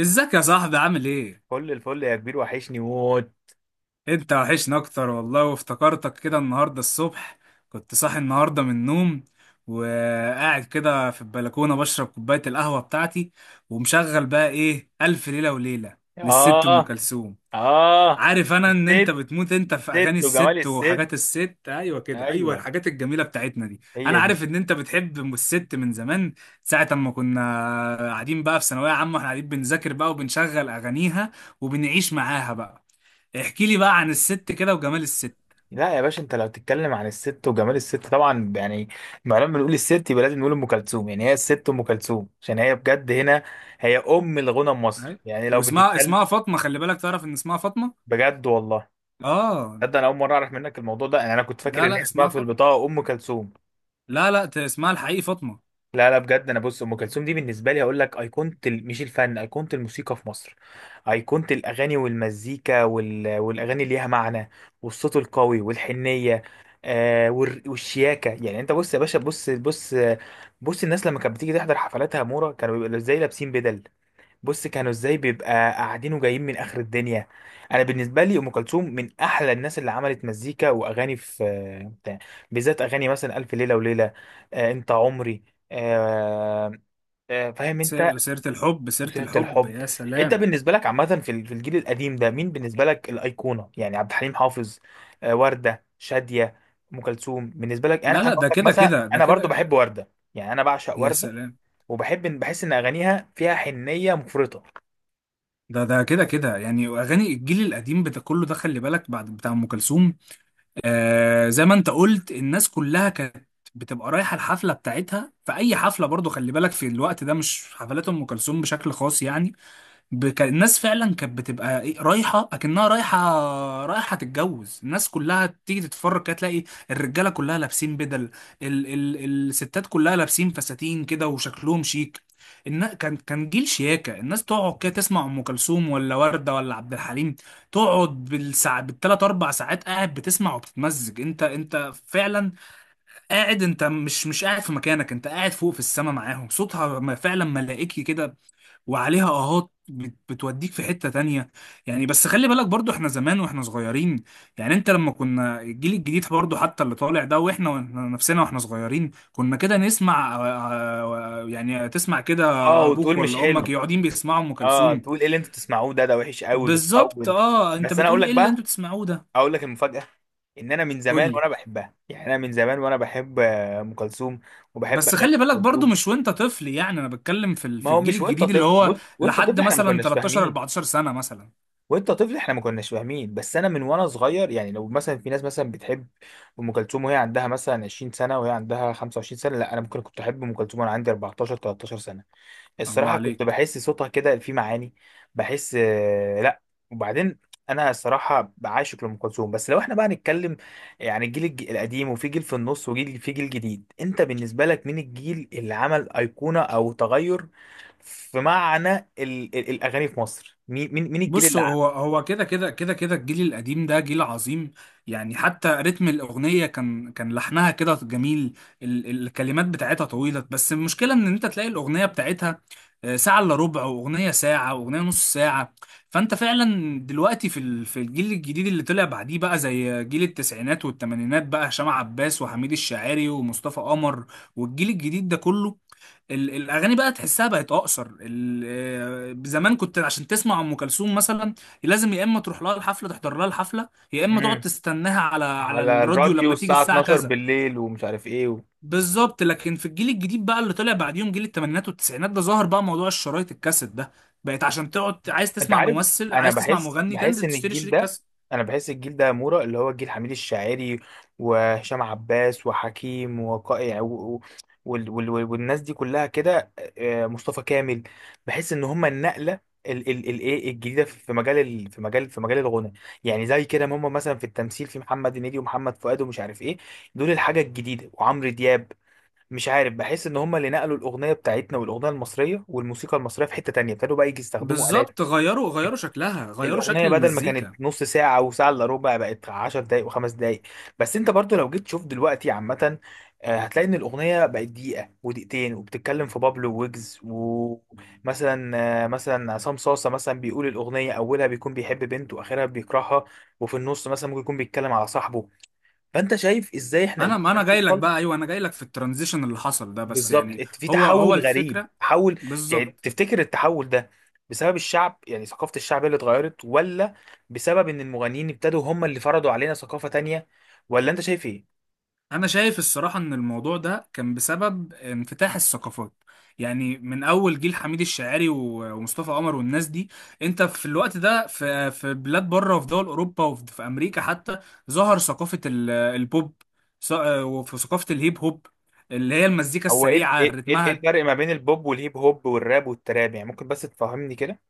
ازيك يا صاحبي عامل ايه؟ كل الفل يا كبير، وحشني موت. انت وحشنا اكتر والله، وافتكرتك كده النهارده الصبح. كنت صاحي النهارده من النوم وقاعد كده في البلكونه بشرب كوبايه القهوه بتاعتي، ومشغل بقى ايه، الف ليله وليله للست ام اه. كلثوم. اه. عارف انا ان انت الست، بتموت انت في اغاني ست وجمال الست الست. وحاجات الست، ايوه كده، ايوه ايوه، الحاجات الجميله بتاعتنا دي. انا هي دي. عارف ان انت بتحب ام الست من زمان، ساعه اما كنا قاعدين بقى في ثانويه عامه، احنا قاعدين بنذاكر بقى وبنشغل اغانيها وبنعيش معاها بقى. احكي لي بقى عن الست كده وجمال الست. لا يا باشا، انت لو تتكلم عن الست وجمال الست طبعا يعني ما لما بنقول الست يبقى لازم نقول ام كلثوم، يعني هي الست ام كلثوم عشان هي بجد هنا، هي ام الغنى المصري، أيوة. يعني لو واسمها بتتكلم. اسمها فاطمة، خلي بالك تعرف ان اسمها فاطمة. بجد والله. اه. تصدق انا اول مره اعرف منك الموضوع ده، يعني انا كنت فاكر لا ان لا، هي اسمها اسمها في فاطمة. البطاقه ام كلثوم. لا لا، اسمها الحقيقي فاطمة. لا لا، بجد انا بص، ام كلثوم دي بالنسبه لي هقول لك ايقونه مش الفن، ايقونه الموسيقى في مصر، ايقونه الاغاني والمزيكا والاغاني اللي ليها معنى، والصوت القوي والحنيه، والشياكه. يعني انت بص يا باشا، بص بص. بص الناس لما كانت بتيجي تحضر حفلاتها، مورا، كانوا بيبقوا ازاي؟ لابسين بدل. بص كانوا ازاي بيبقى قاعدين وجايين من اخر الدنيا. انا بالنسبه لي ام كلثوم من احلى الناس اللي عملت مزيكا واغاني بتاع- بالذات اغاني، مثلا الف ليله وليله، آه، انت عمري. آه. آه، فاهم انت. سيرة الحب، سيرة وسيره الحب، الحب. يا انت سلام. بالنسبه لك عامه في في الجيل القديم ده مين بالنسبه لك الايقونه؟ يعني عبد الحليم حافظ، آه، ورده، شاديه، ام كلثوم. بالنسبه لك انا لا انا لا، اقول ده لك كده مثلا، كده، ده انا برضو كده، بحب ورده، يعني انا بعشق يا ورده، سلام. وبحب بحس ان اغانيها فيها حنيه مفرطه. ده ده كده كده، يعني اغاني الجيل القديم بتاع كله ده، خلي بالك بعد بتاع ام كلثوم، زي ما انت قلت، الناس كلها كانت بتبقى رايحه الحفله بتاعتها. في اي حفله برضو خلي بالك في الوقت ده، مش حفلات ام كلثوم بشكل خاص يعني. الناس فعلا كانت بتبقى رايحه، اكنها رايحه، رايحه تتجوز. الناس كلها تيجي تتفرج كده تلاقي الرجاله كلها لابسين بدل، الستات كلها لابسين فساتين كده وشكلهم شيك. كان كان جيل شياكه، الناس تقعد كده تسمع ام كلثوم ولا ورده ولا عبد الحليم، تقعد بالساعة، بالثلاث اربع ساعات قاعد بتسمع وبتتمزج. انت انت فعلا قاعد، انت مش قاعد في مكانك، انت قاعد فوق في السما معاهم. صوتها فعلا ملائكي كده، وعليها اهات بتوديك في حتة تانية يعني. بس خلي بالك برضو احنا زمان واحنا صغيرين، يعني انت لما كنا الجيل الجديد برضو، حتى اللي طالع ده، واحنا نفسنا واحنا صغيرين كنا كده نسمع يعني تسمع كده اه، ابوك وتقول مش ولا امك حلو. يقعدين بيسمعوا ام اه، كلثوم. تقول ايه اللي انتوا بتسمعوه ده وحش قوي، بالظبط، بتطول. اه، انت بس انا اقول بتقول لك ايه اللي بقى، انتوا بتسمعوه ده؟ اقول لك المفاجاه، ان انا من قول زمان لي. وانا بحبها، يعني انا من زمان وانا بحب ام كلثوم، وبحب بس اغاني خلي ام بالك برضو كلثوم. مش وانت طفل يعني، انا بتكلم في ما في هو الجيل مش وانت الجديد اللي طفل، هو بص وانت طفل لحد احنا ما مثلا كناش 13 فاهمين، 14 سنة مثلا. وانت طفل احنا ما كناش فاهمين، بس انا من وانا صغير يعني. لو مثلا في ناس مثلا بتحب ام كلثوم وهي عندها مثلا 20 سنه، وهي عندها 25 سنه، لا انا ممكن كنت احب ام كلثوم وانا عندي 14 13 سنه. الله الصراحة كنت عليك. بحس صوتها كده فيه معاني، بحس، لا. وبعدين انا الصراحة بعاشق لأم كلثوم. بس لو احنا بقى نتكلم يعني الجيل القديم، وفي جيل في النص، وجيل في جيل جديد، انت بالنسبة لك مين الجيل اللي عمل أيقونة او تغير في معنى ال الأغاني في مصر؟ مين الجيل بص، اللي عمل؟ هو كده كده كده كده، الجيل القديم ده جيل عظيم. يعني حتى رتم الأغنية كان لحنها كده جميل، الكلمات بتاعتها طويلة. بس المشكلة إن أنت تلاقي الأغنية بتاعتها ساعة إلا ربع، وأغنية ساعة، وأغنية نص ساعة. فأنت فعلا دلوقتي في في الجيل الجديد اللي طلع بعديه بقى، زي جيل التسعينات والثمانينات، بقى هشام عباس وحميد الشاعري ومصطفى قمر والجيل الجديد ده كله، الاغاني بقى تحسها بقت اقصر. زمان كنت عشان تسمع ام كلثوم مثلا لازم يا اما تروح لها الحفله، تحضر لها الحفله، يا اما تقعد مم. تستناها على على على الراديو الراديو لما تيجي الساعة الساعه 12 كذا. بالليل، ومش عارف ايه بالظبط، لكن في الجيل الجديد بقى اللي طلع بعديهم، جيل الثمانينات والتسعينات ده، ظهر بقى موضوع الشرايط، الكاسيت ده، بقت عشان تقعد عايز انت تسمع عارف، ممثل، انا عايز تسمع بحس مغني، بحس تنزل ان تشتري الجيل شريط ده، كاسيت. انا بحس الجيل ده يا مورا اللي هو جيل حميد الشاعري وهشام عباس وحكيم وقائع و... و... وال... وال... وال- والناس دي كلها كده، آه، مصطفى كامل. بحس ان هم النقله ايه الجديده في مجال في مجال في مجال الغنى. يعني زي كده ما هم، مثلا في التمثيل في محمد هنيدي ومحمد فؤاد ومش عارف ايه، دول الحاجه الجديده، وعمرو دياب. مش عارف، بحس ان هم اللي نقلوا الاغنيه بتاعتنا، والاغنيه المصريه والموسيقى المصريه في حته تانية، ابتدوا بقى يجي يستخدموا آلات. بالظبط، غيروا، غيروا شكلها، غيروا شكل الاغنيه بدل ما كانت المزيكا. نص ساعه او ساعه الا ربع، بقت 10 دقائق وخمس دقائق. بس انت برضو لو جيت تشوف دلوقتي عامه، آه، هتلاقي ان الاغنيه بقت دقيقه ودقيقتين، وبتتكلم في بابلو ويجز ومثلا، آه، مثلا عصام صاصه مثلا بيقول الاغنيه اولها بيكون بيحب بنت واخرها بيكرهها، وفي النص مثلا ممكن يكون بيتكلم على صاحبه. فانت شايف ازاي احنا انا، ما انا جاي لك قدرنا. بقى، ايوه انا جاي لك في الترانزيشن اللي حصل ده بس بالظبط، يعني يعني. في هو هو تحول غريب، الفكره، تحول. يعني بالظبط. تفتكر التحول ده بسبب الشعب، يعني ثقافة الشعب هي اللي اتغيرت، ولا بسبب ان المغنيين ابتدوا هم اللي فرضوا علينا ثقافة تانية، ولا انت شايف ايه؟ انا شايف الصراحه ان الموضوع ده كان بسبب انفتاح الثقافات، يعني من اول جيل حميد الشاعري ومصطفى قمر والناس دي. انت في الوقت ده في في بلاد بره، وفي دول اوروبا، وفي في امريكا حتى، ظهر ثقافه البوب، ث- وفي ثقافه الهيب هوب، اللي هي المزيكا هو ايه ال- السريعه ايه ايه إيه رتمها. الفرق ما بين البوب والهيب هوب والراب والتراب؟ يعني ممكن بس تفهمني كده.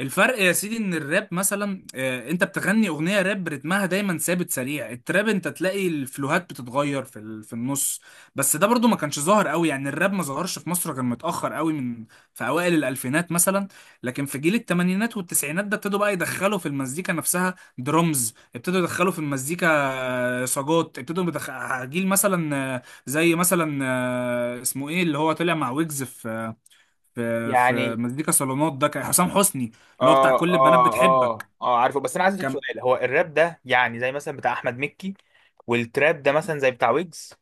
الفرق يا سيدي ان الراب مثلا، انت بتغني اغنيه راب رتمها دايما ثابت سريع. التراب انت تلاقي الفلوهات بتتغير في في النص. بس ده برضو ما كانش ظاهر قوي يعني، الراب ما ظهرش في مصر غير متاخر قوي، من في اوائل الالفينات مثلا. لكن في جيل الثمانينات والتسعينات ده ابتدوا بقى يدخلوا في المزيكا نفسها درمز، ابتدوا يدخلوا في المزيكا صاجات، ابتدوا جيل مثلا، زي مثلا، اسمه ايه اللي هو طلع مع ويجز في في في يعني مزيكا صالونات، ده كان حسام حسني، اللي هو بتاع اه، كل البنات اه، بتحبك. اه، اه، عارفه. بس انا عايز اسالك كان سؤال، هو الراب ده يعني زي مثلا بتاع احمد مكي، والتراب ده مثلا زي بتاع ويجز؟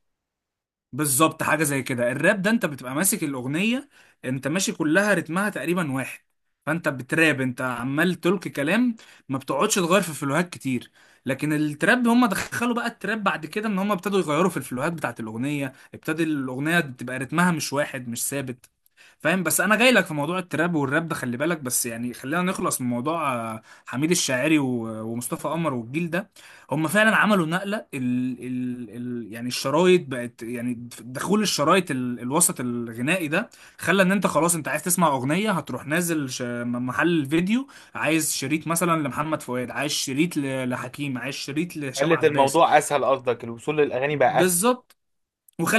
بالظبط حاجه زي كده. الراب ده انت بتبقى ماسك الاغنيه، انت ماشي كلها رتمها تقريبا واحد، فانت بتراب، انت عمال تلقي كلام، ما بتقعدش تغير في الفلوهات كتير. لكن التراب، هم دخلوا بقى التراب بعد كده ان هم ابتدوا يغيروا في الفلوهات بتاعت الاغنيه، ابتدى الاغنيه تبقى رتمها مش واحد، مش ثابت. فاهم؟ بس انا جاي لك في موضوع التراب والراب ده خلي بالك، بس يعني خلينا نخلص من موضوع حميد الشاعري ومصطفى قمر والجيل ده. هم فعلا عملوا نقلة، ال ال ال يعني الشرايط بقت، يعني دخول الشرايط ال الوسط الغنائي ده خلى ان انت خلاص انت عايز تسمع اغنية، هتروح نازل محل الفيديو، عايز شريط مثلا لمحمد فؤاد، عايز شريط لحكيم، عايز شريط لهشام خلت عباس. الموضوع اسهل، قصدك الوصول للاغاني بقى. بالظبط،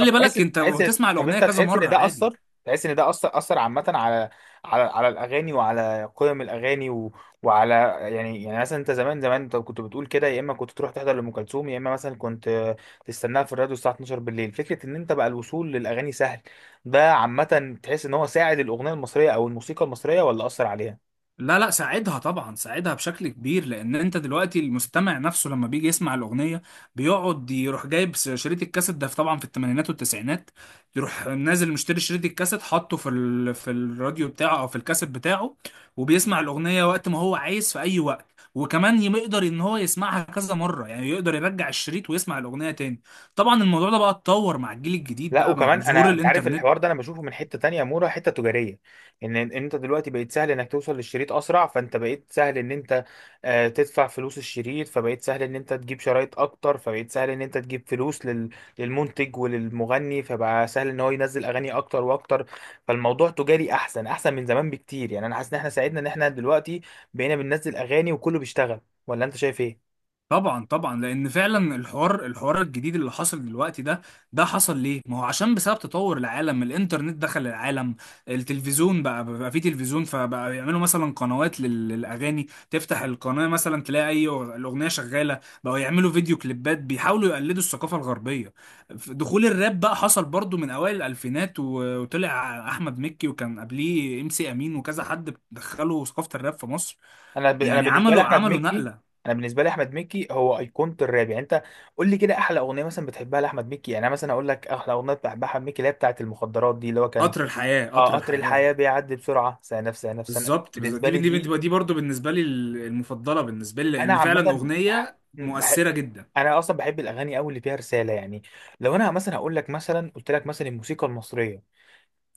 طب تحس، بالك انت تحس، هتسمع طب الاغنية انت كذا تحس ان مرة ده عادي. اثر؟ تحس ان ده اثر، اثر عامه على، على على الاغاني وعلى قيم الاغاني وعلى، يعني مثلا انت زمان زمان انت كنت بتقول كده، يا اما كنت تروح تحضر لام كلثوم، يا اما مثلا كنت تستناها في الراديو الساعه 12 بالليل. فكره ان انت بقى الوصول للاغاني سهل ده، عامه تحس ان هو ساعد الاغنيه المصريه او الموسيقى المصريه، ولا اثر عليها؟ لا لا، ساعدها طبعا، ساعدها بشكل كبير، لان انت دلوقتي المستمع نفسه لما بيجي يسمع الاغنيه، بيقعد يروح جايب شريط الكاسيت ده طبعا في الثمانينات والتسعينات، يروح نازل مشتري شريط الكاسيت، حاطه في في الراديو بتاعه او في الكاسيت بتاعه، وبيسمع الاغنيه وقت ما هو عايز في اي وقت، وكمان يقدر ان هو يسمعها كذا مره، يعني يقدر يرجع الشريط ويسمع الاغنيه تاني. طبعا الموضوع ده بقى اتطور مع الجيل الجديد لا، بقى مع وكمان ظهور انا انت عارف الحوار الانترنت. ده انا بشوفه من حته تانية، يا مورا، حته تجاريه. إن انت دلوقتي بقيت سهل انك توصل للشريط اسرع، فانت بقيت سهل ان انت، آه، تدفع فلوس الشريط، فبقيت سهل ان انت تجيب شرايط اكتر، فبقيت سهل ان انت تجيب فلوس للمنتج وللمغني، فبقى سهل ان هو ينزل اغاني اكتر واكتر. فالموضوع تجاري احسن احسن من زمان بكتير، يعني انا حاسس ان احنا ساعدنا ان احنا دلوقتي بقينا بننزل اغاني وكله بيشتغل. ولا انت شايف ايه؟ طبعا طبعا، لان فعلا الحوار، الجديد اللي حصل دلوقتي ده، ده حصل ليه؟ ما هو عشان بسبب تطور العالم، الانترنت دخل العالم، التلفزيون بقى، بقى في تلفزيون، فبقى يعملوا مثلا قنوات للاغاني، تفتح القناه مثلا تلاقي اي الاغنيه شغاله، بقوا يعملوا فيديو كليبات، بيحاولوا يقلدوا الثقافه الغربيه. دخول الراب بقى حصل برضو من اوائل الالفينات، وطلع احمد مكي، وكان قبليه ام سي امين وكذا حد دخلوا ثقافه الراب في مصر، انا يعني بالنسبه لي احمد عملوا مكي، نقله. انا بالنسبه لي احمد مكي هو ايقونه الراب، يعني انت قول لي كده احلى اغنيه مثلا بتحبها لاحمد مكي. يعني انا مثلا اقول لك احلى اغنيه بحبها احمد مكي اللي هي بتاعه المخدرات دي، اللي هو كان، قطر الحياة، قطر اه، قطر الحياة، الحياه، بيعدي بسرعه سنه في سنه في سنه، بالظبط بالظبط، بالنسبه دي لي دي دي. دي دي برضه بالنسبة لي المفضلة بالنسبة لي، انا لأن فعلا عامه بح... أغنية بح... مؤثرة جدا. انا اصلا بحب الاغاني قوي اللي فيها رساله، يعني لو انا مثلا هقول لك، مثلا قلت لك مثلا الموسيقى المصريه،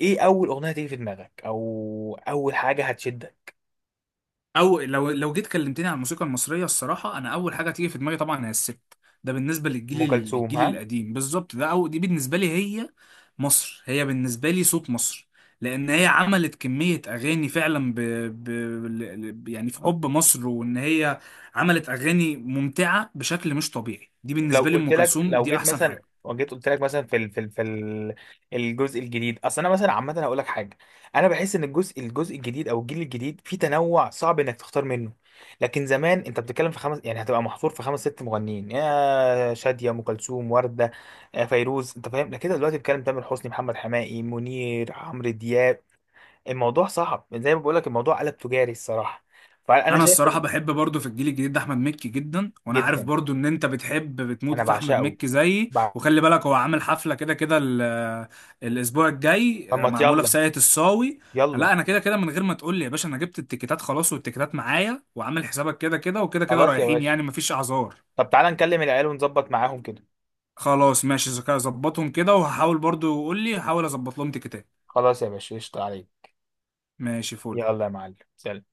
ايه اول اغنيه تيجي في دماغك او اول حاجه هتشدك؟ أو لو لو جيت كلمتني عن الموسيقى المصرية، الصراحة أنا أول حاجة تيجي في دماغي طبعا هي الست. ده بالنسبة للجيل، ام كلثوم؟ الجيل ها. القديم بالظبط، ده أو دي بالنسبة لي، هي مصر، هي بالنسبة لي صوت مصر، لأن هي عملت كمية أغاني فعلا ب... يعني في حب مصر، وإن هي عملت أغاني ممتعة بشكل مش طبيعي. دي لو بالنسبة لي قلت أم لك، كلثوم، لو دي جيت أحسن مثلا حاجة. وجيت قلت لك مثلا في الجزء الجديد، اصل انا مثلا عامه هقول لك حاجه، انا بحس ان الجزء الجديد او الجيل الجديد فيه تنوع صعب انك تختار منه. لكن زمان انت بتتكلم في خمس، يعني هتبقى محصور في خمس ست مغنيين، يا شاديه، ام كلثوم، ورده، آه، فيروز، انت فاهم؟ لكن دلوقتي بتتكلم تامر حسني، محمد حماقي، منير، عمرو دياب. الموضوع صعب زي ما بقول لك، الموضوع قلب تجاري الصراحه. فانا انا شايف الصراحه بحب برضو في الجيل الجديد ده احمد مكي جدا، وانا عارف جدا، برضو ان انت بتحب بتموت انا في احمد بعشقه. مكي زيي. وخلي بالك هو عامل حفله كده كده، الاسبوع الجاي، طب ما معموله في يلا، ساقية الصاوي. يلا. لا انا كده كده من غير ما تقول لي يا باشا، انا جبت التيكيتات خلاص، والتيكيتات معايا، وعامل حسابك كده كده، وكده كده خلاص يا رايحين باشا. يعني، مفيش اعذار. طب تعالى نكلم العيال ونظبط معاهم كده. خلاص ماشي، اذا كده ظبطهم كده، وهحاول برضو، قول لي، هحاول اظبط لهم تيكيتات. خلاص يا باشا، قشطة عليك. ماشي، فل. يلا يا معلم، سلام.